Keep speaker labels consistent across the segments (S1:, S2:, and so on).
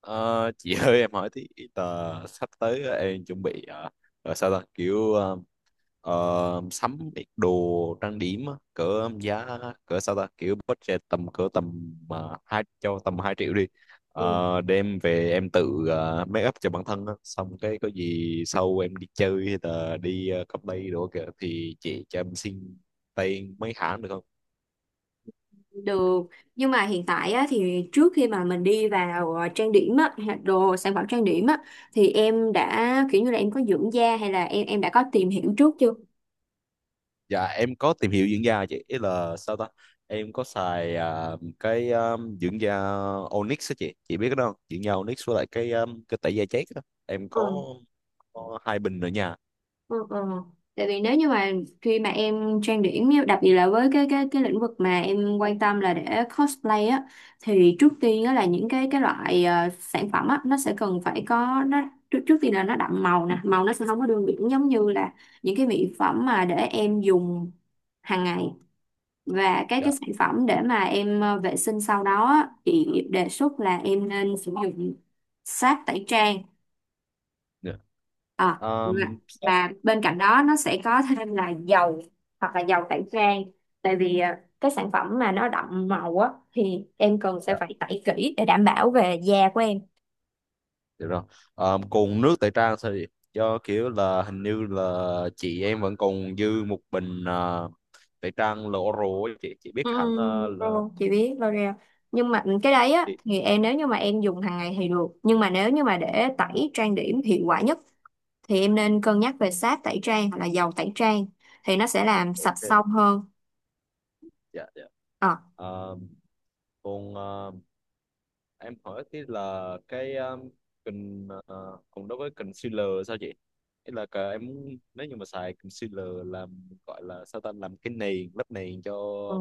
S1: Ờ, chị ơi, em hỏi tí. tờ Sắp tới em chuẩn bị rồi sao ta, kiểu sắm ít đồ trang điểm á, cỡ giá cỡ sao ta, kiểu budget tầm cỡ tầm hai cho tầm 2 triệu đi.
S2: Ừ,
S1: Đem về em tự make up cho bản thân á. Xong cái có gì sau em đi chơi hay là đi cà phê đồ kìa, thì chị cho em xin tay mấy hãng được không?
S2: được, nhưng mà hiện tại á, thì trước khi mà mình đi vào trang điểm á, hay là đồ sản phẩm trang điểm á, thì em đã kiểu như là em có dưỡng da hay là em đã có tìm hiểu trước chưa?
S1: Dạ em có tìm hiểu dưỡng da chị. Ý là sao ta, em có xài cái dưỡng da Onyx á Chị biết cái đó không? Dưỡng da Onyx với lại cái tẩy da chết đó em
S2: Ừ.
S1: có hai bình ở nhà.
S2: Ừ, ừ. Tại vì nếu như mà khi mà em trang điểm á, đặc biệt là với cái lĩnh vực mà em quan tâm là để cosplay á, thì trước tiên á là những cái loại sản phẩm á, nó sẽ cần phải có nó trước, trước tiên là nó đậm màu nè, màu nó sẽ không có đường biển giống như là những cái mỹ phẩm mà để em dùng hàng ngày. Và cái
S1: Dạ.
S2: sản phẩm để mà em vệ sinh sau đó á, thì đề xuất là em nên sử dụng sáp tẩy trang,
S1: Dạ.
S2: à, và,
S1: Sắp.
S2: và bên cạnh đó nó sẽ có thêm là dầu hoặc là dầu tẩy trang, tại vì cái sản phẩm mà nó đậm màu á thì em cần sẽ
S1: Dạ,
S2: phải tẩy kỹ để đảm bảo về da của em.
S1: được rồi. Còn nước tẩy trang sao chị? Do kiểu là hình như là chị em vẫn còn dư một bình tẩy trang L'Oreal á Chị biết hẳn là
S2: Ồ, chị biết L'Oreal, nhưng mà cái đấy á
S1: chị.
S2: thì em nếu như mà em dùng hàng ngày thì được, nhưng mà nếu như mà để tẩy trang điểm hiệu quả nhất thì em nên cân nhắc về sáp tẩy trang hoặc là dầu tẩy trang, thì nó sẽ làm sạch
S1: Ok.
S2: xong hơn.
S1: Dạ. Dạ. Ờ, Còn em hỏi tí là cái còn đối với concealer sao chị? Ý là cả em muốn nếu như mà xài concealer làm, gọi là sao ta, làm cái nền, lớp nền cho
S2: Ờ.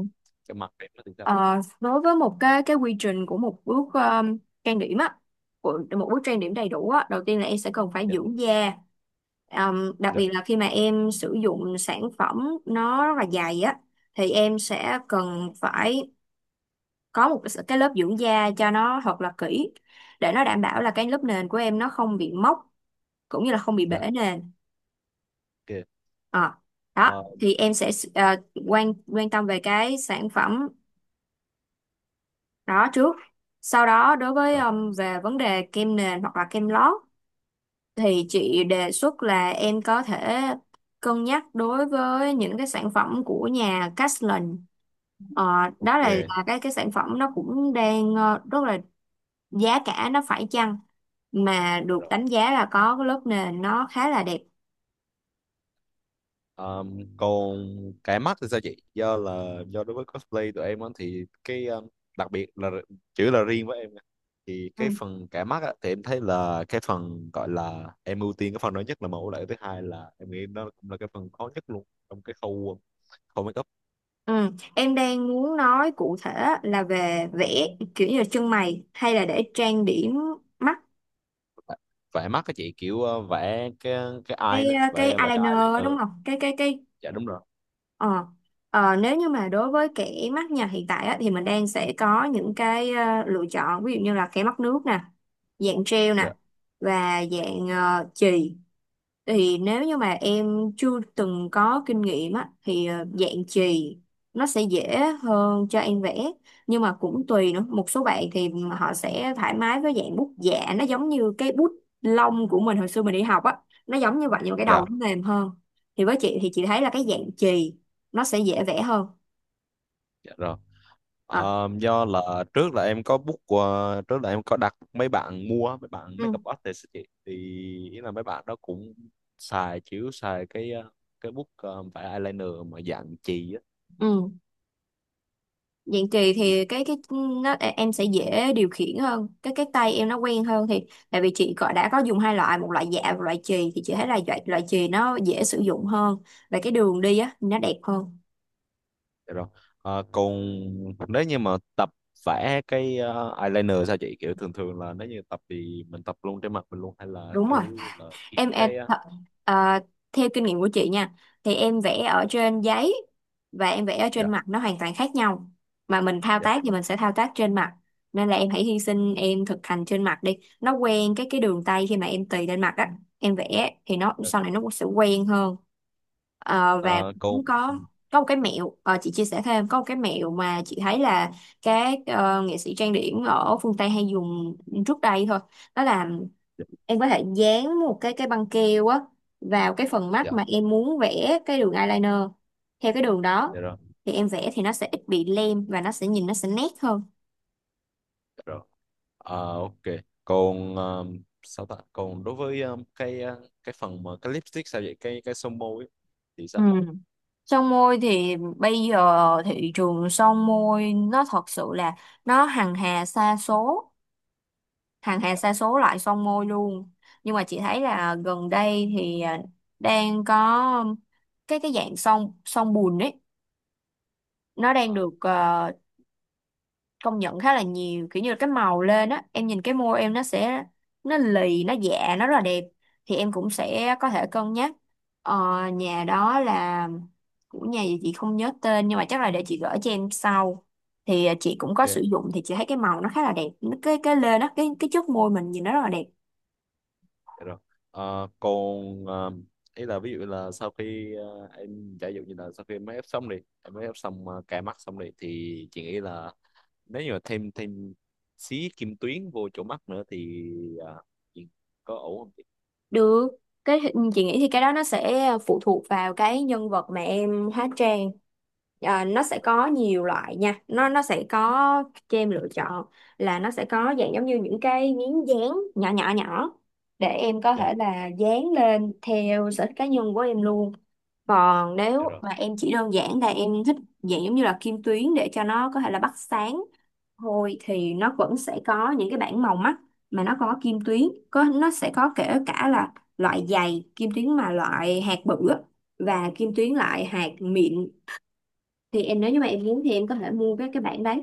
S1: mặt em nó thì sao?
S2: Ờ, đối với một cái quy trình của một bước trang điểm á, của một bước trang điểm đầy đủ á, đầu tiên là em sẽ cần phải
S1: Dạ.
S2: dưỡng da. Đặc
S1: Dạ.
S2: biệt là khi mà em sử dụng sản phẩm nó rất là dày á, thì em sẽ cần phải có một cái lớp dưỡng da cho nó thật là kỹ, để nó đảm bảo là cái lớp nền của em nó không bị mốc cũng như là không bị
S1: Dạ.
S2: bể nền.
S1: Ok.
S2: Ờ, đó
S1: Ờ,
S2: thì em sẽ quan quan tâm về cái sản phẩm đó trước. Sau đó đối với
S1: Rồi,
S2: về vấn đề kem nền hoặc là kem lót, thì chị đề xuất là em có thể cân nhắc đối với những cái sản phẩm của nhà Caslin. Ờ, đó là,
S1: ok.
S2: là cái sản phẩm nó cũng đang rất là giá cả nó phải chăng, mà
S1: Dạ
S2: được
S1: rồi.
S2: đánh giá là có cái lớp nền nó khá là đẹp.
S1: Còn cái mắt thì sao chị? Do là đối với cosplay tụi em á, thì cái đặc biệt là chữ là riêng với em nha. Thì cái
S2: Ừ.
S1: phần cả mắt á, thì em thấy là cái phần gọi là em ưu tiên cái phần đó nhất, là mẫu lại, thứ hai là em nghĩ nó cũng là cái phần khó nhất luôn trong cái khâu khâu make up.
S2: Ừ. Em đang muốn nói cụ thể là về vẽ, kiểu như là chân mày hay là để trang điểm mắt,
S1: Vẽ mắt các chị kiểu vẽ cái eye
S2: cái
S1: nữa,
S2: cái
S1: vẽ vẽ cái
S2: eyeliner
S1: eye
S2: đúng
S1: later.
S2: không, cái cái
S1: Dạ đúng rồi.
S2: ờ nếu như mà đối với kẻ mắt nhà hiện tại á, thì mình đang sẽ có những cái lựa chọn, ví dụ như là kẻ mắt nước nè, dạng gel nè,
S1: Dạ.
S2: và dạng chì. Thì nếu như mà em chưa từng có kinh nghiệm á thì dạng chì nó sẽ dễ hơn cho em vẽ, nhưng mà cũng tùy nữa. Một số bạn thì họ sẽ thoải mái với dạng bút dạ, nó giống như cái bút lông của mình hồi xưa mình đi học á, nó giống như vậy nhưng mà cái đầu
S1: Dạ.
S2: nó mềm hơn. Thì với chị thì chị thấy là cái dạng chì nó sẽ dễ vẽ hơn.
S1: Dạ rồi.
S2: à,
S1: Do là trước là em có đặt mấy bạn, mua mấy bạn
S2: ừ,
S1: makeup artist á chị, thì ý là mấy bạn đó cũng xài cái cái book vẽ eyeliner mà dạng chì á.
S2: ừ. Dạng kỳ
S1: Thì-
S2: thì em sẽ dễ điều khiển hơn, cái tay em nó quen hơn thì. Tại vì chị có đã có dùng hai loại, một loại dạ và loại chì, thì chị thấy là loại loại chì nó dễ sử dụng hơn và cái đường đi á nó đẹp hơn.
S1: dạ rồi. Còn nếu như mà tập vẽ cái eyeliner sao chị? Kiểu thường thường là nếu như tập thì mình tập luôn trên mặt mình luôn, hay là
S2: Đúng rồi,
S1: kiểu là kiếm
S2: em em
S1: cái
S2: th- à, theo kinh nghiệm của chị nha, thì em vẽ ở trên giấy và em vẽ ở trên
S1: dạ.
S2: mặt nó hoàn toàn khác nhau. Mà mình thao
S1: Dạ.
S2: tác thì mình sẽ thao tác trên mặt, nên là em hãy hy sinh em thực hành trên mặt đi, nó quen cái đường tay, khi mà em tì lên mặt á em vẽ thì nó
S1: Ừ.
S2: sau này nó cũng sẽ quen hơn. Và
S1: ờ, Còn.
S2: cũng có một cái mẹo, chị chia sẻ thêm, có một cái mẹo mà chị thấy là các nghệ sĩ trang điểm ở phương Tây hay dùng trước đây thôi, đó là
S1: Dạ.
S2: em có thể dán một cái băng keo á vào cái phần mắt
S1: Dạ.
S2: mà em muốn vẽ cái đường eyeliner. Theo cái đường đó
S1: Dạ
S2: thì em vẽ thì nó sẽ ít bị lem và nó sẽ nhìn nó sẽ nét hơn.
S1: rồi. Ok, còn sao ta, còn đối với cái cái phần mà cái lipstick sao vậy, cái son môi ấy, thì
S2: Ừ.
S1: sao?
S2: Son môi thì bây giờ thị trường son môi nó thật sự là nó hằng hà sa số, hằng hà
S1: Dạ.
S2: sa số loại son môi luôn. Nhưng mà chị thấy là gần đây thì đang có cái dạng son son bùn ấy, nó đang
S1: ờ,
S2: được công nhận khá là nhiều, kiểu như là cái màu lên á em nhìn cái môi em nó sẽ nó lì nó dạ nó rất là đẹp. Thì em cũng sẽ có thể cân nhắc, ờ, nhà đó là của nhà gì chị không nhớ tên, nhưng mà chắc là để chị gửi cho em sau. Thì chị cũng có sử
S1: ok.
S2: dụng thì chị thấy cái màu nó khá là đẹp. Cái lên á, cái chất môi mình nhìn nó rất là đẹp.
S1: Dạ rồi. Còn ý là ví dụ là sau khi em giả dụ như là sau khi em make up xong đi, em make up xong cài mắt xong đi, thì chị nghĩ là nếu như mà thêm thêm xí kim tuyến vô chỗ mắt nữa thì ờ, chị có ổn không chị?
S2: Được, cái chị nghĩ thì cái đó nó sẽ phụ thuộc vào cái nhân vật mà em hóa trang. Nó sẽ
S1: Dạ rồi.
S2: có nhiều loại nha, nó sẽ có cho em lựa chọn là nó sẽ có dạng giống như những cái miếng dán nhỏ nhỏ nhỏ, để em có thể
S1: Dạ.
S2: là dán lên theo sở thích cá nhân của em luôn. Còn
S1: Dạ
S2: nếu
S1: rồi.
S2: mà em chỉ đơn giản là em thích dạng giống như là kim tuyến để cho nó có thể là bắt sáng thôi, thì nó vẫn sẽ có những cái bảng màu mắt mà nó có kim tuyến, nó sẽ có kể cả là loại dày kim tuyến mà loại hạt bự á, và kim tuyến loại hạt mịn. Thì em nếu như mà em muốn thì em có thể mua cái bảng đấy.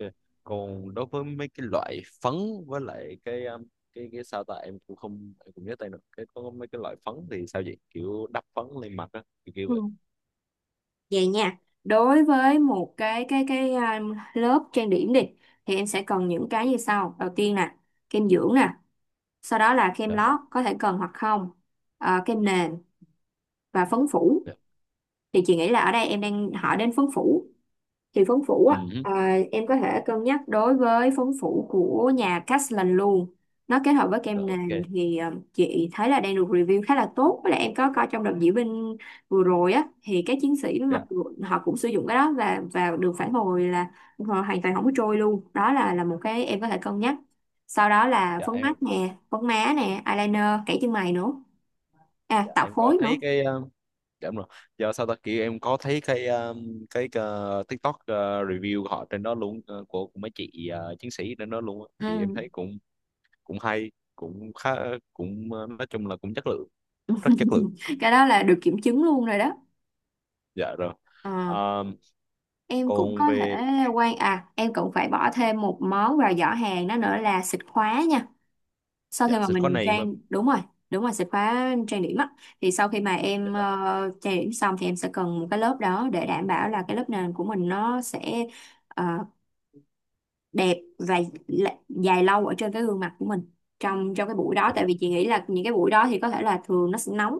S1: Ok. Còn đối với mấy cái loại phấn với lại cái cái sao ta, em cũng không, em cũng nhớ tên được cái có mấy cái loại phấn thì sao vậy? Kiểu đắp phấn lên mặt á, kiểu kiểu
S2: Ừ.
S1: vậy.
S2: Vậy nha, đối với một cái lớp trang điểm đi, thì em sẽ cần những cái như sau. Đầu tiên nè, kem dưỡng nè, sau đó là kem
S1: Dạ.
S2: lót có thể cần hoặc không. Kem nền và phấn phủ.
S1: Dạ.
S2: Thì chị nghĩ là ở đây em đang hỏi đến phấn phủ, thì phấn phủ á,
S1: Ừ.
S2: em có thể cân nhắc đối với phấn phủ của nhà Castellan luôn. Nó kết hợp với
S1: Dạ,
S2: kem
S1: ok.
S2: nền thì chị thấy là đang được review khá là tốt, với lại em có coi trong đợt diễu binh vừa rồi á thì các chiến sĩ mặc
S1: Dạ.
S2: dù họ cũng sử dụng cái đó và được phản hồi là họ hoàn toàn không có trôi luôn. Đó là một cái em có thể cân nhắc. Sau đó là
S1: Dạ
S2: phấn
S1: em.
S2: mắt nè, phấn má nè, eyeliner, kẻ chân mày nữa,
S1: Dạ
S2: tạo
S1: em có
S2: khối
S1: thấy
S2: nữa.
S1: cái dạ đúng rồi. Giờ sao ta, kiểu em có thấy cái TikTok review của họ trên đó luôn, của mấy chị chiến sĩ trên đó luôn á. Thì em thấy
S2: Ừ.
S1: cũng, cũng hay, cũng khá, cũng nói chung là cũng chất lượng. Rất chất lượng.
S2: Cái đó là được kiểm chứng luôn rồi đó.
S1: Dạ rồi.
S2: Ờ.
S1: Ờ,
S2: em cũng có
S1: Còn
S2: thể
S1: về.
S2: quan à Em cũng phải bỏ thêm một món vào giỏ hàng đó nữa là xịt khóa nha, sau khi
S1: Dạ
S2: mà
S1: sẽ có
S2: mình
S1: này mà.
S2: đúng rồi. Đúng rồi, xịt khóa trang điểm á, thì sau khi mà
S1: Dạ
S2: em
S1: rồi.
S2: trang điểm xong thì em sẽ cần một cái lớp đó, để đảm bảo là cái lớp nền của mình nó sẽ ờ, đẹp và dài lâu ở trên cái gương mặt của mình trong trong cái buổi đó.
S1: Dạ
S2: Tại
S1: rồi.
S2: vì chị nghĩ là những cái buổi đó thì có thể là thường nó sẽ nóng.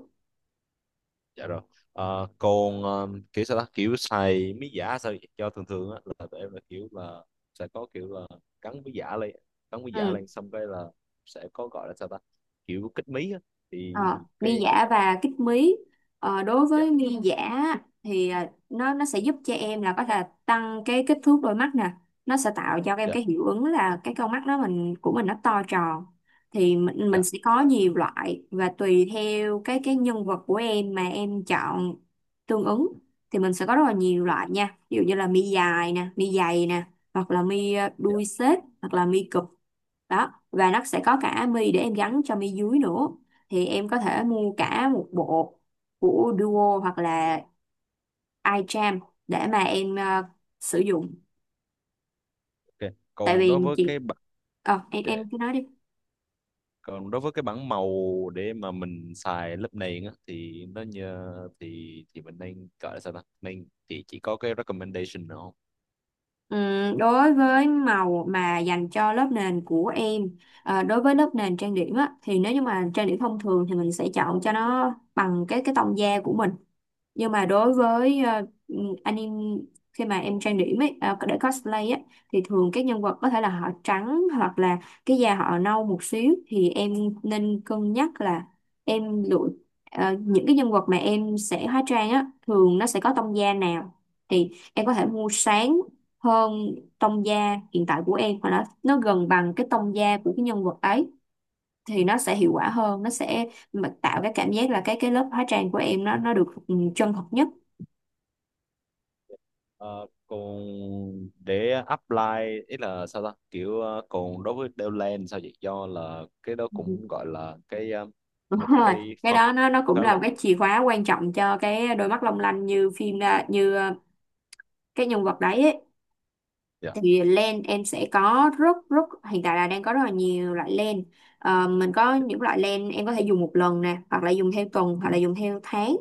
S1: Dạ rồi. Còn kiểu sao ta, kiểu xài mí giả sao vậy? Cho thường thường á là tụi em là kiểu là sẽ có kiểu là cắn mí giả lên cắn mí giả
S2: Ừ.
S1: lên, xong cái là sẽ có gọi là sao ta, kiểu kích mí á. Thì
S2: Ờ, Mi
S1: cái
S2: giả và kích mí. Đối
S1: dạ.
S2: với mi giả thì nó sẽ giúp cho em là có thể tăng cái kích thước đôi mắt nè, nó sẽ tạo cho em
S1: Dạ.
S2: cái hiệu ứng là cái con mắt đó mình của mình nó to tròn. Thì mình
S1: Dạ.
S2: sẽ có nhiều loại và tùy theo cái nhân vật của em mà em chọn tương ứng. Thì mình sẽ có rất là nhiều
S1: Dạ.
S2: loại nha, ví dụ như là mi dài nè, mi dày nè, hoặc là mi
S1: Dạ,
S2: đuôi xếp, hoặc là mi cụp. Đó, và nó sẽ có cả mi để em gắn cho mi dưới nữa, thì em có thể mua cả một bộ của Duo hoặc là iCharm để mà em sử dụng.
S1: ok.
S2: Tại
S1: còn
S2: vì
S1: đối với cái
S2: chị
S1: bản
S2: em
S1: Dạ. Dạ.
S2: em cứ nói đi.
S1: Còn đối với cái bảng màu để mà mình xài lớp nền á thì nó như, thì mình nên gọi là sao ta, nên chỉ có cái recommendation nữa không?
S2: Đối với màu mà dành cho lớp nền của em, đối với lớp nền trang điểm á, thì nếu như mà trang điểm thông thường thì mình sẽ chọn cho nó bằng cái tông da của mình. Nhưng mà đối với anime, khi mà em trang điểm ấy để cosplay á, thì thường các nhân vật có thể là họ trắng hoặc là cái da họ nâu một xíu, thì em nên cân nhắc là em lựa những cái nhân vật mà em sẽ hóa trang á thường nó sẽ có tông da nào, thì em có thể mua sáng hơn tông da hiện tại của em hoặc là nó gần bằng cái tông da của cái nhân vật ấy, thì nó sẽ hiệu quả hơn, nó sẽ mà tạo cái cảm giác là cái lớp hóa trang của em nó được chân thật nhất.
S1: Ờ, Còn để apply, ý là sao ta, kiểu còn đối với Deadland sao vậy? Do là cái đó cũng gọi là cái
S2: Đúng
S1: một
S2: rồi,
S1: cái
S2: cái
S1: phần
S2: đó nó cũng
S1: khá
S2: là
S1: là.
S2: một cái chìa khóa quan trọng cho cái đôi mắt long lanh như phim, như cái nhân vật đấy ấy.
S1: Dạ.
S2: Thì len em sẽ có rất rất hiện tại là đang có rất là nhiều loại len. Mình có những loại len em có thể dùng một lần nè, hoặc là dùng theo tuần hoặc là dùng theo tháng.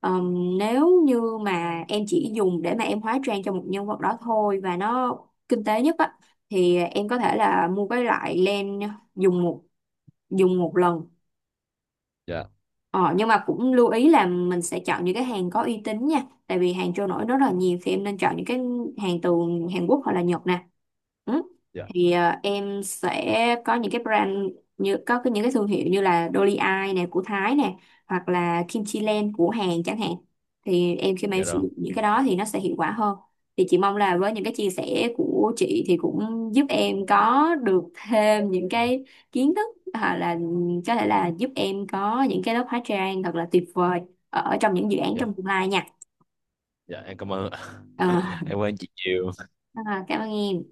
S2: Nếu như mà em chỉ dùng để mà em hóa trang cho một nhân vật đó thôi và nó kinh tế nhất á, thì em có thể là mua cái loại len dùng một dùng một lần.
S1: Dạ.
S2: Ờ, nhưng mà cũng lưu ý là mình sẽ chọn những cái hàng có uy tín nha, tại vì hàng trôi nổi rất là nhiều, thì em nên chọn những cái hàng từ Hàn Quốc hoặc là Nhật nè. Ừ.
S1: Dạ.
S2: Thì em sẽ có những cái brand, những cái thương hiệu như là Dolly Eye nè của Thái nè, hoặc là Kimchi Land của Hàn chẳng hạn. Thì em khi mà em
S1: Dạ
S2: sử
S1: rồi.
S2: dụng những cái đó thì nó sẽ hiệu quả hơn. Thì chị mong là với những cái chia sẻ của chị thì cũng giúp em có được thêm những cái kiến thức, là có thể là giúp em có những cái lớp hóa trang thật là tuyệt vời ở, trong những dự án
S1: Dạ.
S2: trong tương lai nha.
S1: Dạ em cảm ơn
S2: Ờ,
S1: em cảm ơn chị nhiều.
S2: Cảm ơn em.